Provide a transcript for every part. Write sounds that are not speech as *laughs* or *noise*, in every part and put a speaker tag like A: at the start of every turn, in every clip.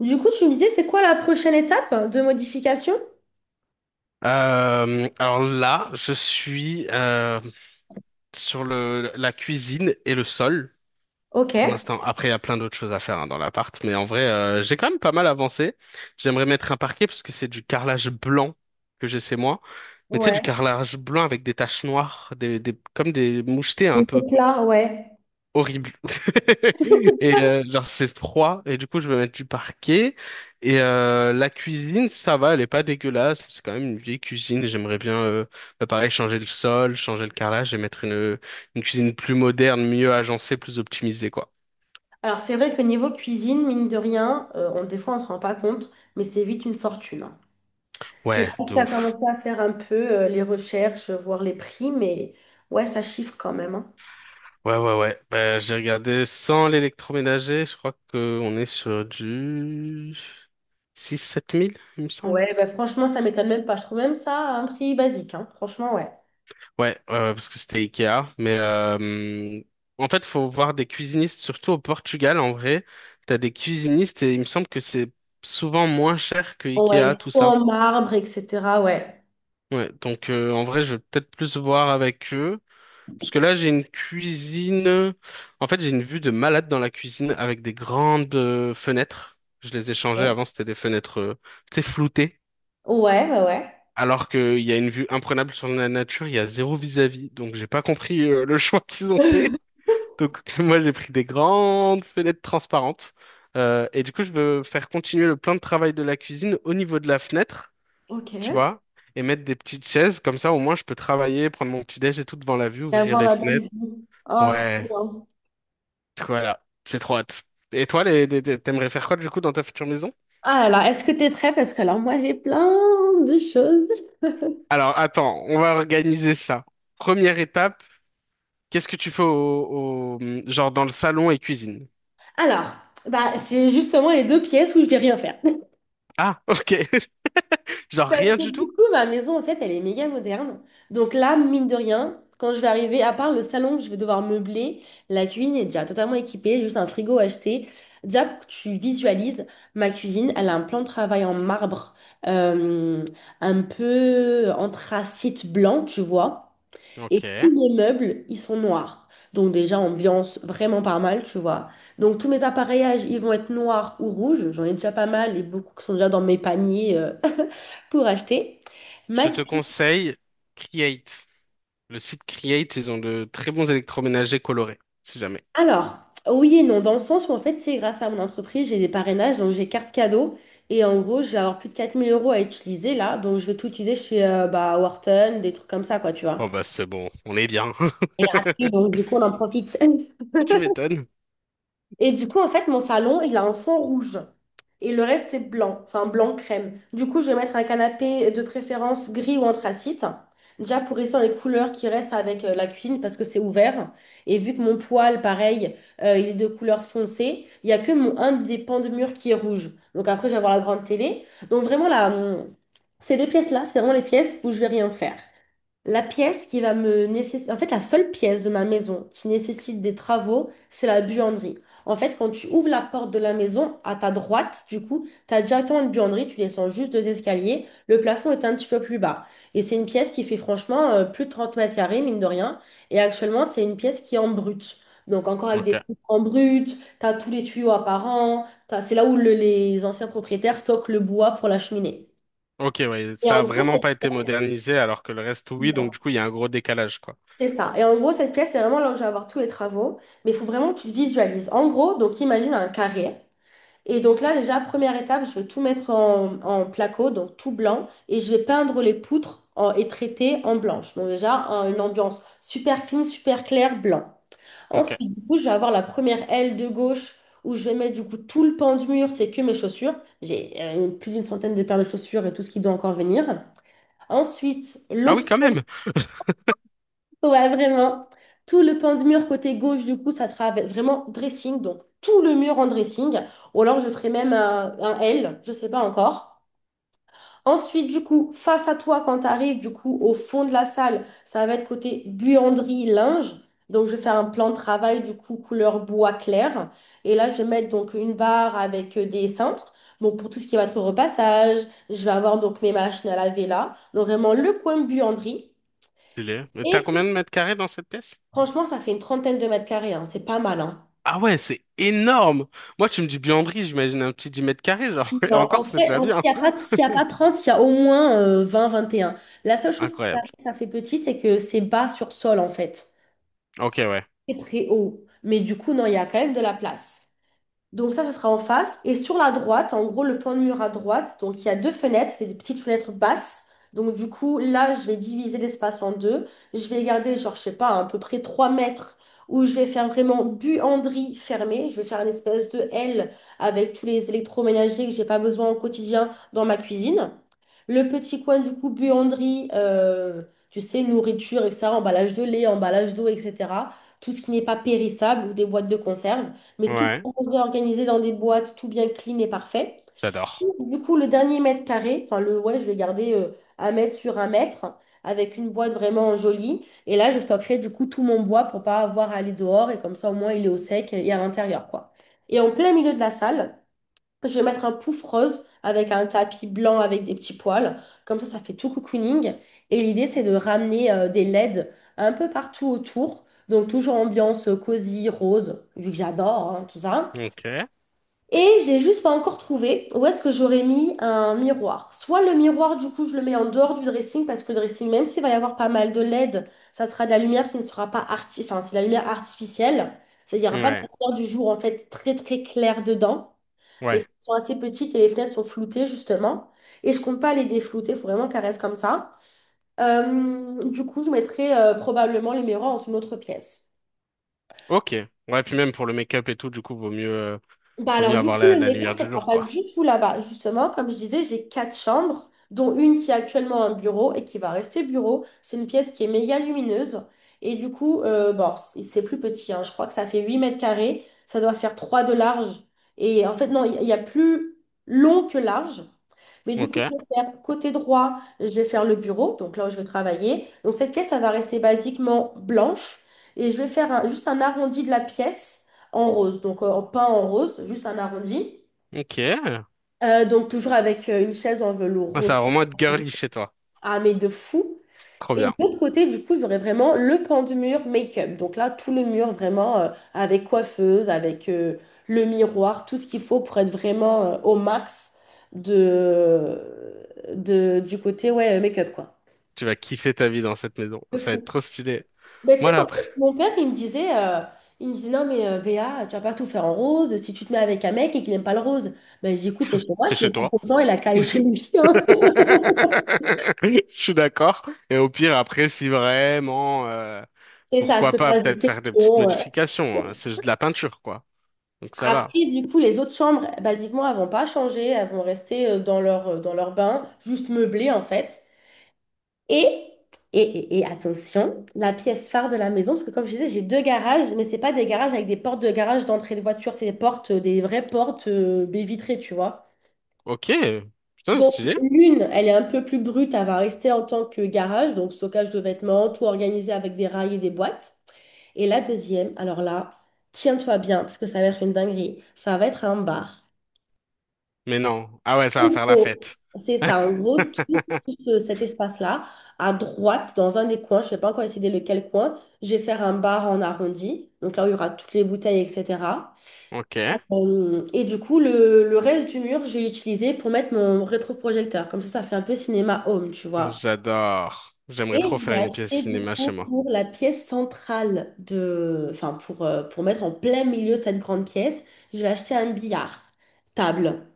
A: Du coup, tu me disais, c'est quoi la prochaine étape de modification?
B: Alors là, je suis sur la cuisine et le sol
A: Ok.
B: pour l'instant. Après, il y a plein d'autres choses à faire hein, dans l'appart, mais en vrai, j'ai quand même pas mal avancé. J'aimerais mettre un parquet parce que c'est du carrelage blanc que j'ai chez moi. Mais tu sais,
A: Ouais.
B: du carrelage blanc avec des taches noires, comme des mouchetés un
A: Et
B: peu
A: donc là, ouais.
B: horrible. *laughs* Et
A: *laughs*
B: genre c'est froid et du coup je vais mettre du parquet et la cuisine ça va, elle est pas dégueulasse, c'est quand même une vieille cuisine, et j'aimerais bien bah, pareil changer le sol, changer le carrelage et mettre une cuisine plus moderne, mieux agencée, plus optimisée quoi.
A: Alors, c'est vrai que niveau cuisine, mine de rien, on, des fois, on se rend pas compte, mais c'est vite une fortune, hein. Je sais
B: Ouais,
A: pas si
B: de
A: tu as
B: ouf.
A: commencé à faire un peu les recherches, voir les prix, mais ouais, ça chiffre quand même, hein.
B: Ouais ouais ouais. Bah, j'ai regardé sans l'électroménager, je crois que on est sur du 6 7 000 il me semble.
A: Ouais, bah, franchement, ça m'étonne même pas. Je trouve même ça à un prix basique, hein. Franchement, ouais.
B: Ouais, ouais, ouais, parce que c'était Ikea. Mais en fait, faut voir des cuisinistes, surtout au Portugal, en vrai. T'as des cuisinistes et il me semble que c'est souvent moins cher que Ikea,
A: Ouais,
B: tout ça.
A: en marbre, etc. Ouais.
B: Ouais, donc en vrai, je vais peut-être plus voir avec eux. Parce que là, j'ai une cuisine. En fait, j'ai une vue de malade dans la cuisine avec des grandes fenêtres. Je les ai changées
A: Ouais,
B: avant, c'était des fenêtres, tu sais, floutées.
A: ouais, bah, ouais.
B: Alors qu'il y a une vue imprenable sur la nature, il y a zéro vis-à-vis. Donc, j'ai pas compris le *laughs* choix qu'ils ont fait.
A: *laughs*
B: Donc *laughs* moi j'ai pris des grandes fenêtres transparentes. Et du coup je veux faire continuer le plan de travail de la cuisine au niveau de la fenêtre,
A: Ok.
B: tu
A: Et
B: vois, et mettre des petites chaises comme ça au moins je peux travailler, prendre mon petit déj et tout devant la vue, ouvrir
A: avoir
B: les
A: la belle
B: fenêtres.
A: vue. Oh, trop
B: Ouais,
A: bien.
B: voilà, c'est trop hâte. Et toi, t'aimerais faire quoi du coup dans ta future maison?
A: Ah, alors, est-ce que tu es prêt? Parce que alors, moi, j'ai plein de choses.
B: Alors attends, on va organiser ça. Première étape, qu'est-ce que tu fais genre dans le salon et cuisine?
A: Alors, bah, c'est justement les deux pièces où je vais rien faire. *laughs*
B: Ah, ok, *laughs* genre
A: Parce
B: rien
A: que
B: du
A: du
B: tout?
A: coup, ma maison, en fait, elle est méga moderne. Donc là, mine de rien, quand je vais arriver, à part le salon que je vais devoir meubler, la cuisine est déjà totalement équipée, juste un frigo acheté. Déjà, pour que tu visualises, ma cuisine, elle a un plan de travail en marbre, euh, un peu anthracite blanc, tu vois. Et
B: Ok.
A: tous les meubles, ils sont noirs. Donc déjà, ambiance vraiment pas mal, tu vois. Donc tous mes appareillages, ils vont être noirs ou rouges. J'en ai déjà pas mal et beaucoup qui sont déjà dans mes paniers *laughs* pour acheter. Ma
B: Je
A: cu-
B: te conseille Create. Le site Create, ils ont de très bons électroménagers colorés, si jamais.
A: Alors, oui et non, dans le sens où en fait, c'est grâce à mon entreprise, j'ai des parrainages, donc j'ai carte cadeau. Et en gros, je vais avoir plus de 4 000 euros à utiliser là. Donc je vais tout utiliser chez bah, Wharton, des trucs comme ça, quoi, tu
B: Oh
A: vois.
B: bah c'est bon, on est bien.
A: C'est gratuit,
B: *laughs*
A: donc du coup, on en profite. *laughs*
B: Tu m'étonnes.
A: Et du coup, en fait, mon salon, il a un fond rouge. Et le reste, c'est blanc, enfin blanc crème. Du coup, je vais mettre un canapé de préférence gris ou anthracite. Déjà pour rester dans les couleurs qui restent avec la cuisine parce que c'est ouvert. Et vu que mon poêle, pareil, il est de couleur foncée, il n'y a que mon, un des pans de mur qui est rouge. Donc après, je vais avoir la grande télé. Donc vraiment, là, ces deux pièces-là, c'est vraiment les pièces où je vais rien faire. La pièce qui va me nécessiter, en fait, la seule pièce de ma maison qui nécessite des travaux, c'est la buanderie. En fait, quand tu ouvres la porte de la maison, à ta droite, du coup, tu as directement une buanderie, tu descends juste deux escaliers, le plafond est un petit peu plus bas. Et c'est une pièce qui fait franchement plus de 30 mètres carrés, mine de rien. Et actuellement, c'est une pièce qui est en brut. Donc, encore avec
B: Ok.
A: des trucs en brut, tu as tous les tuyaux apparents, c'est là où les anciens propriétaires stockent le bois pour la cheminée.
B: Ok, ouais,
A: Et
B: ça a
A: en gros,
B: vraiment
A: cette
B: pas été
A: pièce,
B: modernisé alors que le reste, oui, donc du coup, il y a un gros décalage, quoi.
A: C'est ça. Et en gros, cette pièce, c'est vraiment là où je vais avoir tous les travaux. Mais il faut vraiment que tu le visualises. En gros, donc imagine un carré. Et donc là, déjà, première étape, je vais tout mettre en placo, donc tout blanc. Et je vais peindre les poutres et traiter en blanche. Donc déjà, une ambiance super clean, super claire, blanc.
B: Ok.
A: Ensuite, du coup, je vais avoir la première aile de gauche où je vais mettre du coup tout le pan du mur, c'est que mes chaussures. J'ai plus d'une centaine de paires de chaussures et tout ce qui doit encore venir. Ensuite,
B: Ah oui,
A: l'autre
B: quand même. *laughs*
A: Ouais, vraiment. Tout le pan de mur côté gauche, du coup, ça sera vraiment dressing. Donc, tout le mur en dressing. Ou alors, je ferai même un L, je sais pas encore. Ensuite, du coup, face à toi, quand tu arrives, du coup, au fond de la salle, ça va être côté buanderie, linge. Donc, je vais faire un plan de travail, du coup, couleur bois clair. Et là, je vais mettre donc une barre avec des cintres. Donc, pour tout ce qui va être repassage, je vais avoir donc mes machines à laver là. Donc, vraiment, le coin buanderie.
B: Stylé. Mais t'as combien de mètres carrés dans cette pièce?
A: Franchement, ça fait une trentaine de mètres carrés, hein, c'est pas mal, hein.
B: Ah ouais, c'est énorme! Moi, tu me dis buanderie, j'imagine un petit 10 mètres carrés, genre. *laughs* Et
A: Non, en
B: encore, c'est
A: vrai,
B: déjà bien.
A: s'il y a pas
B: *laughs*
A: 30, il y a au moins 20, 21. La seule chose qui paraît
B: Incroyable.
A: que ça fait petit, c'est que c'est bas sur sol, en fait.
B: Ok, ouais.
A: C'est très haut. Mais du coup, non, il y a quand même de la place. Donc ça sera en face. Et sur la droite, en gros, le plan de mur à droite, donc il y a deux fenêtres, c'est des petites fenêtres basses. Donc du coup, là, je vais diviser l'espace en deux. Je vais garder, genre, je sais pas, à peu près 3 mètres où je vais faire vraiment buanderie fermée. Je vais faire une espèce de L avec tous les électroménagers que j'ai pas besoin au quotidien dans ma cuisine. Le petit coin du coup, buanderie, tu sais, nourriture, etc., emballage de lait, emballage d'eau, etc. Tout ce qui n'est pas périssable ou des boîtes de conserve, mais tout
B: Ouais,
A: bien organisé dans des boîtes, tout bien clean et parfait.
B: j'adore.
A: Du coup, le dernier mètre carré, enfin le ouais, je vais garder un mètre sur un mètre avec une boîte vraiment jolie. Et là, je stockerai du coup tout mon bois pour pas avoir à aller dehors et comme ça au moins il est au sec et à l'intérieur quoi. Et en plein milieu de la salle, je vais mettre un pouf rose avec un tapis blanc avec des petits poils. Comme ça fait tout cocooning. Et l'idée, c'est de ramener des LED un peu partout autour. Donc, toujours ambiance cosy, rose, vu que j'adore hein, tout ça.
B: Ok.
A: Et j'ai juste pas encore trouvé où est-ce que j'aurais mis un miroir. Soit le miroir, du coup, je le mets en dehors du dressing parce que le dressing, même s'il va y avoir pas mal de LED, ça sera de la lumière qui ne sera pas enfin, c'est de la lumière artificielle. C'est-à-dire, il n'y aura pas de
B: Ouais.
A: lumière du jour, en fait, très, très claire dedans. Les
B: Ouais.
A: fenêtres sont assez petites et les fenêtres sont floutées, justement. Et je compte pas les déflouter, il faut vraiment qu'elles restent comme ça. Du coup, je mettrai probablement les miroirs dans une autre pièce.
B: Ok. Ouais, puis même pour le make-up et tout, du coup,
A: Bah
B: vaut
A: alors
B: mieux
A: du
B: avoir
A: coup, le
B: la
A: make-up,
B: lumière
A: ça
B: du
A: sera
B: jour,
A: pas
B: quoi.
A: du tout là-bas. Justement, comme je disais, j'ai quatre chambres, dont une qui est actuellement un bureau et qui va rester bureau. C'est une pièce qui est méga lumineuse. Et du coup, bon, c'est plus petit, hein. Je crois que ça fait 8 mètres carrés. Ça doit faire 3 de large. Et en fait, non, il y a plus long que large. Mais du
B: Ok.
A: coup, je vais faire côté droit, je vais faire le bureau, donc là où je vais travailler. Donc cette pièce, elle va rester basiquement blanche. Et je vais faire juste un arrondi de la pièce en rose, donc pas en rose, juste un arrondi.
B: Ok. Ouais,
A: Donc toujours avec une chaise en velours
B: ça
A: rose,
B: va vraiment être girly chez toi.
A: ah mais de fou.
B: Trop
A: Et
B: bien.
A: de l'autre côté, du coup, j'aurais vraiment le pan du mur make-up. Donc là, tout le mur vraiment avec coiffeuse, avec le miroir, tout ce qu'il faut pour être vraiment au max de, du côté ouais, make-up quoi.
B: Tu vas kiffer ta vie dans cette maison.
A: De
B: Ça va être
A: fou.
B: trop stylé.
A: Mais tu
B: Moi,
A: sais
B: là,
A: qu'en plus,
B: après,
A: mon père, il me disait, il me disait, non, mais Béa, tu vas pas tout faire en rose si tu te mets avec un mec et qu'il n'aime pas le rose. Ben, je dis, écoute, c'est chez moi,
B: c'est
A: s'il est
B: chez
A: pas
B: toi.
A: content, il a qu'à aller chez lui,
B: *laughs*
A: hein. *laughs*
B: Je suis d'accord. Et au pire, après, si vraiment,
A: C'est ça, je
B: pourquoi
A: peux
B: pas
A: faire des
B: peut-être faire des petites
A: exceptions.
B: modifications. Hein. C'est juste de la peinture, quoi. Donc ça va.
A: Après, du coup, les autres chambres, basiquement, elles vont pas changer, elles vont rester dans leur bain, juste meublées, en fait. Et, et attention, la pièce phare de la maison, parce que comme je disais, j'ai deux garages, mais c'est pas des garages avec des portes de garage d'entrée de voiture, c'est des portes, des vraies portes, baies vitrées, tu vois.
B: Ok. Putain, c'est
A: Donc,
B: stylé.
A: l'une, elle est un peu plus brute, elle va rester en tant que garage, donc stockage de vêtements, tout organisé avec des rails et des boîtes. Et la deuxième, alors là, tiens-toi bien, parce que ça va être une dinguerie, ça va être un bar.
B: Mais non. Ah ouais, ça va
A: En
B: faire la
A: gros,
B: fête.
A: C'est ça, en
B: *laughs*
A: gros, tout cet espace-là, à droite, dans un des coins, je ne sais pas encore décidé lequel coin, je vais faire un bar en arrondi, donc là où il y aura toutes les bouteilles, etc.
B: Ok.
A: Et du coup, le reste du mur, je vais l'utiliser pour mettre mon rétroprojecteur. Comme ça fait un peu cinéma home, tu vois.
B: J'adore. J'aimerais
A: Et
B: trop
A: je l'ai
B: faire une pièce
A: acheté du
B: cinéma chez
A: coup
B: moi.
A: pour la pièce centrale enfin pour mettre en plein milieu de cette grande pièce, je vais acheter un billard table.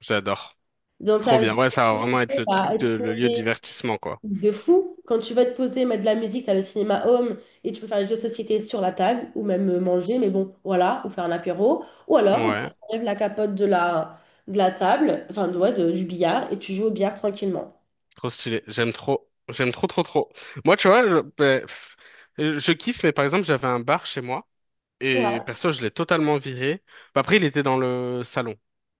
B: J'adore.
A: Donc
B: Trop
A: ça veut
B: bien.
A: dire
B: Ouais,
A: que
B: ça
A: quand
B: va vraiment
A: tu
B: être le
A: vas
B: truc de
A: être
B: le lieu de
A: posé
B: divertissement, quoi.
A: de fou, quand tu vas te poser, mettre de la musique, tu as le cinéma home et tu peux faire des jeux de société sur la table ou même manger, mais bon, voilà, ou faire un apéro. Ou alors, bah,
B: Ouais.
A: tu enlèves la capote de la table, du billard et tu joues au billard tranquillement.
B: Trop stylé. J'aime trop. J'aime trop, trop, trop. Moi, tu vois, ben, pff, je kiffe, mais par exemple, j'avais un bar chez moi. Et
A: Ouais,
B: perso, je l'ai totalement viré. Après, il était dans le salon.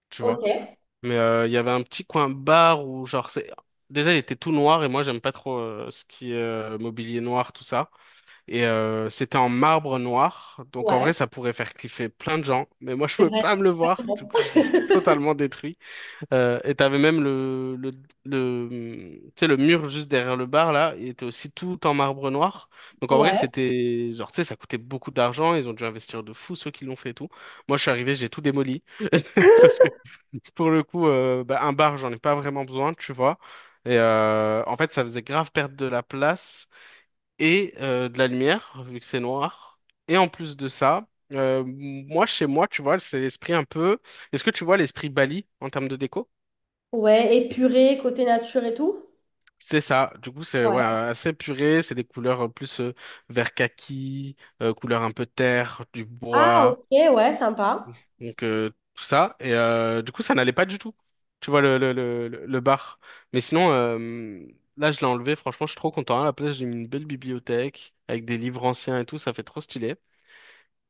B: Tu vois.
A: ok,
B: Mais il y avait un petit coin bar où, genre, c'est... Déjà, il était tout noir et moi, j'aime pas trop ce qui est mobilier noir, tout ça. Et c'était en marbre noir. Donc, en vrai,
A: ouais,
B: ça pourrait faire cliffer plein de gens. Mais moi, *laughs* je
A: c'est
B: pouvais
A: vrai.
B: pas me le voir. Du coup, je l'ai
A: *laughs*
B: totalement détruit. Et t'avais même tu sais, le mur juste derrière le bar, là. Il était aussi tout en marbre noir. Donc, en vrai,
A: Ouais.
B: c'était... Genre, tu sais, ça coûtait beaucoup d'argent. Ils ont dû investir de fou, ceux qui l'ont fait et tout. Moi, je suis arrivé, j'ai tout démoli. *laughs* Pour le coup, bah, un bar, j'en ai pas vraiment besoin, tu vois. Et en fait, ça faisait grave perdre de la place et de la lumière, vu que c'est noir. Et en plus de ça, moi, chez moi, tu vois, c'est l'esprit un peu... Est-ce que tu vois l'esprit Bali en termes de déco?
A: Ouais, épuré, côté nature et tout.
B: C'est ça. Du coup, c'est ouais,
A: Ouais.
B: assez puré. C'est des couleurs plus vert kaki, couleur un peu terre, du
A: Ah,
B: bois.
A: ok, ouais, sympa.
B: Donc tout ça. Et du coup, ça n'allait pas du tout. Tu vois le bar. Mais sinon, là, je l'ai enlevé. Franchement, je suis trop content. À la place, j'ai mis une belle bibliothèque avec des livres anciens et tout. Ça fait trop stylé.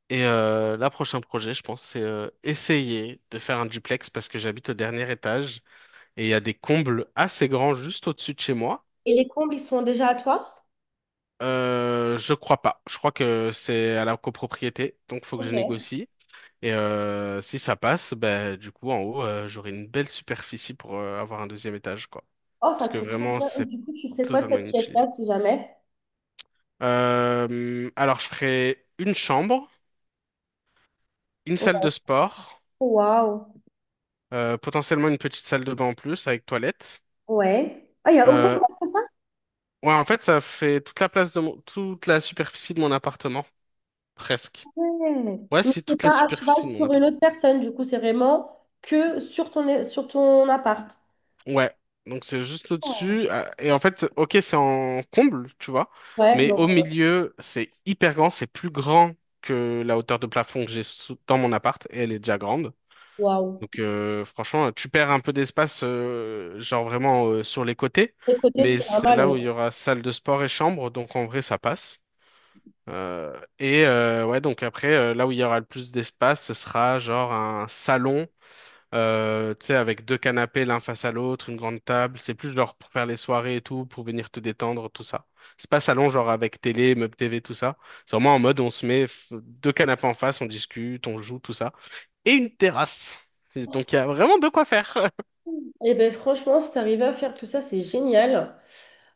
B: Et là, prochain projet, je pense, c'est essayer de faire un duplex parce que j'habite au dernier étage et il y a des combles assez grands juste au-dessus de chez moi.
A: Et les combles, ils sont déjà à toi?
B: Je crois pas. Je crois que c'est à la copropriété, donc faut que je
A: Ok.
B: négocie. Et si ça passe, ben du coup, en haut, j'aurai une belle superficie pour avoir un deuxième étage, quoi.
A: Oh, ça
B: Parce que
A: serait trop
B: vraiment,
A: bien. Et
B: c'est
A: du coup, tu ferais quoi de
B: totalement
A: cette pièce-là,
B: inutilisé.
A: si jamais?
B: Alors, je ferai une chambre, une salle
A: Ouais.
B: de sport,
A: Waouh.
B: potentiellement une petite salle de bain en plus avec toilette.
A: Ouais. Ah, il y a autant de
B: Euh,
A: place que ça?
B: ouais, en fait, ça fait toute la place de mon, toute la superficie de mon appartement, presque.
A: Ouais.
B: Ouais,
A: Mais
B: c'est
A: c'est
B: toute la
A: pas à cheval
B: superficie de mon
A: sur
B: appartement.
A: une autre personne, du coup, c'est vraiment que sur ton appart.
B: Ouais, donc c'est juste
A: Oh.
B: au-dessus. Et en fait, ok, c'est en comble, tu vois,
A: Ouais,
B: mais
A: donc,
B: au milieu, c'est hyper grand, c'est plus grand que la hauteur de plafond que j'ai dans mon appart, et elle est déjà grande.
A: waouh.
B: Donc franchement, tu perds un peu d'espace, genre vraiment sur les côtés,
A: Écoutez, ce
B: mais
A: qui est
B: c'est
A: normal,
B: là
A: oui.
B: où il y aura salle de sport et chambre, donc en vrai, ça passe. Ouais, donc après, là où il y aura le plus d'espace, ce sera genre un salon tu sais, avec 2 canapés l'un face à l'autre, une grande table. C'est plus genre pour faire les soirées et tout, pour venir te détendre, tout ça. C'est pas salon genre avec télé, meuble TV, tout ça. C'est vraiment en mode on se met 2 canapés en face, on discute, on joue, tout ça. Et une terrasse. Et donc il y a vraiment de quoi faire. *laughs*
A: Eh ben franchement, si t'arrives à faire tout ça, c'est génial.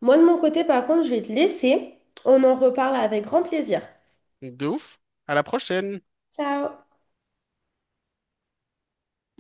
A: Moi, de mon côté, par contre, je vais te laisser. On en reparle avec grand plaisir.
B: De ouf. À la prochaine.
A: Ciao!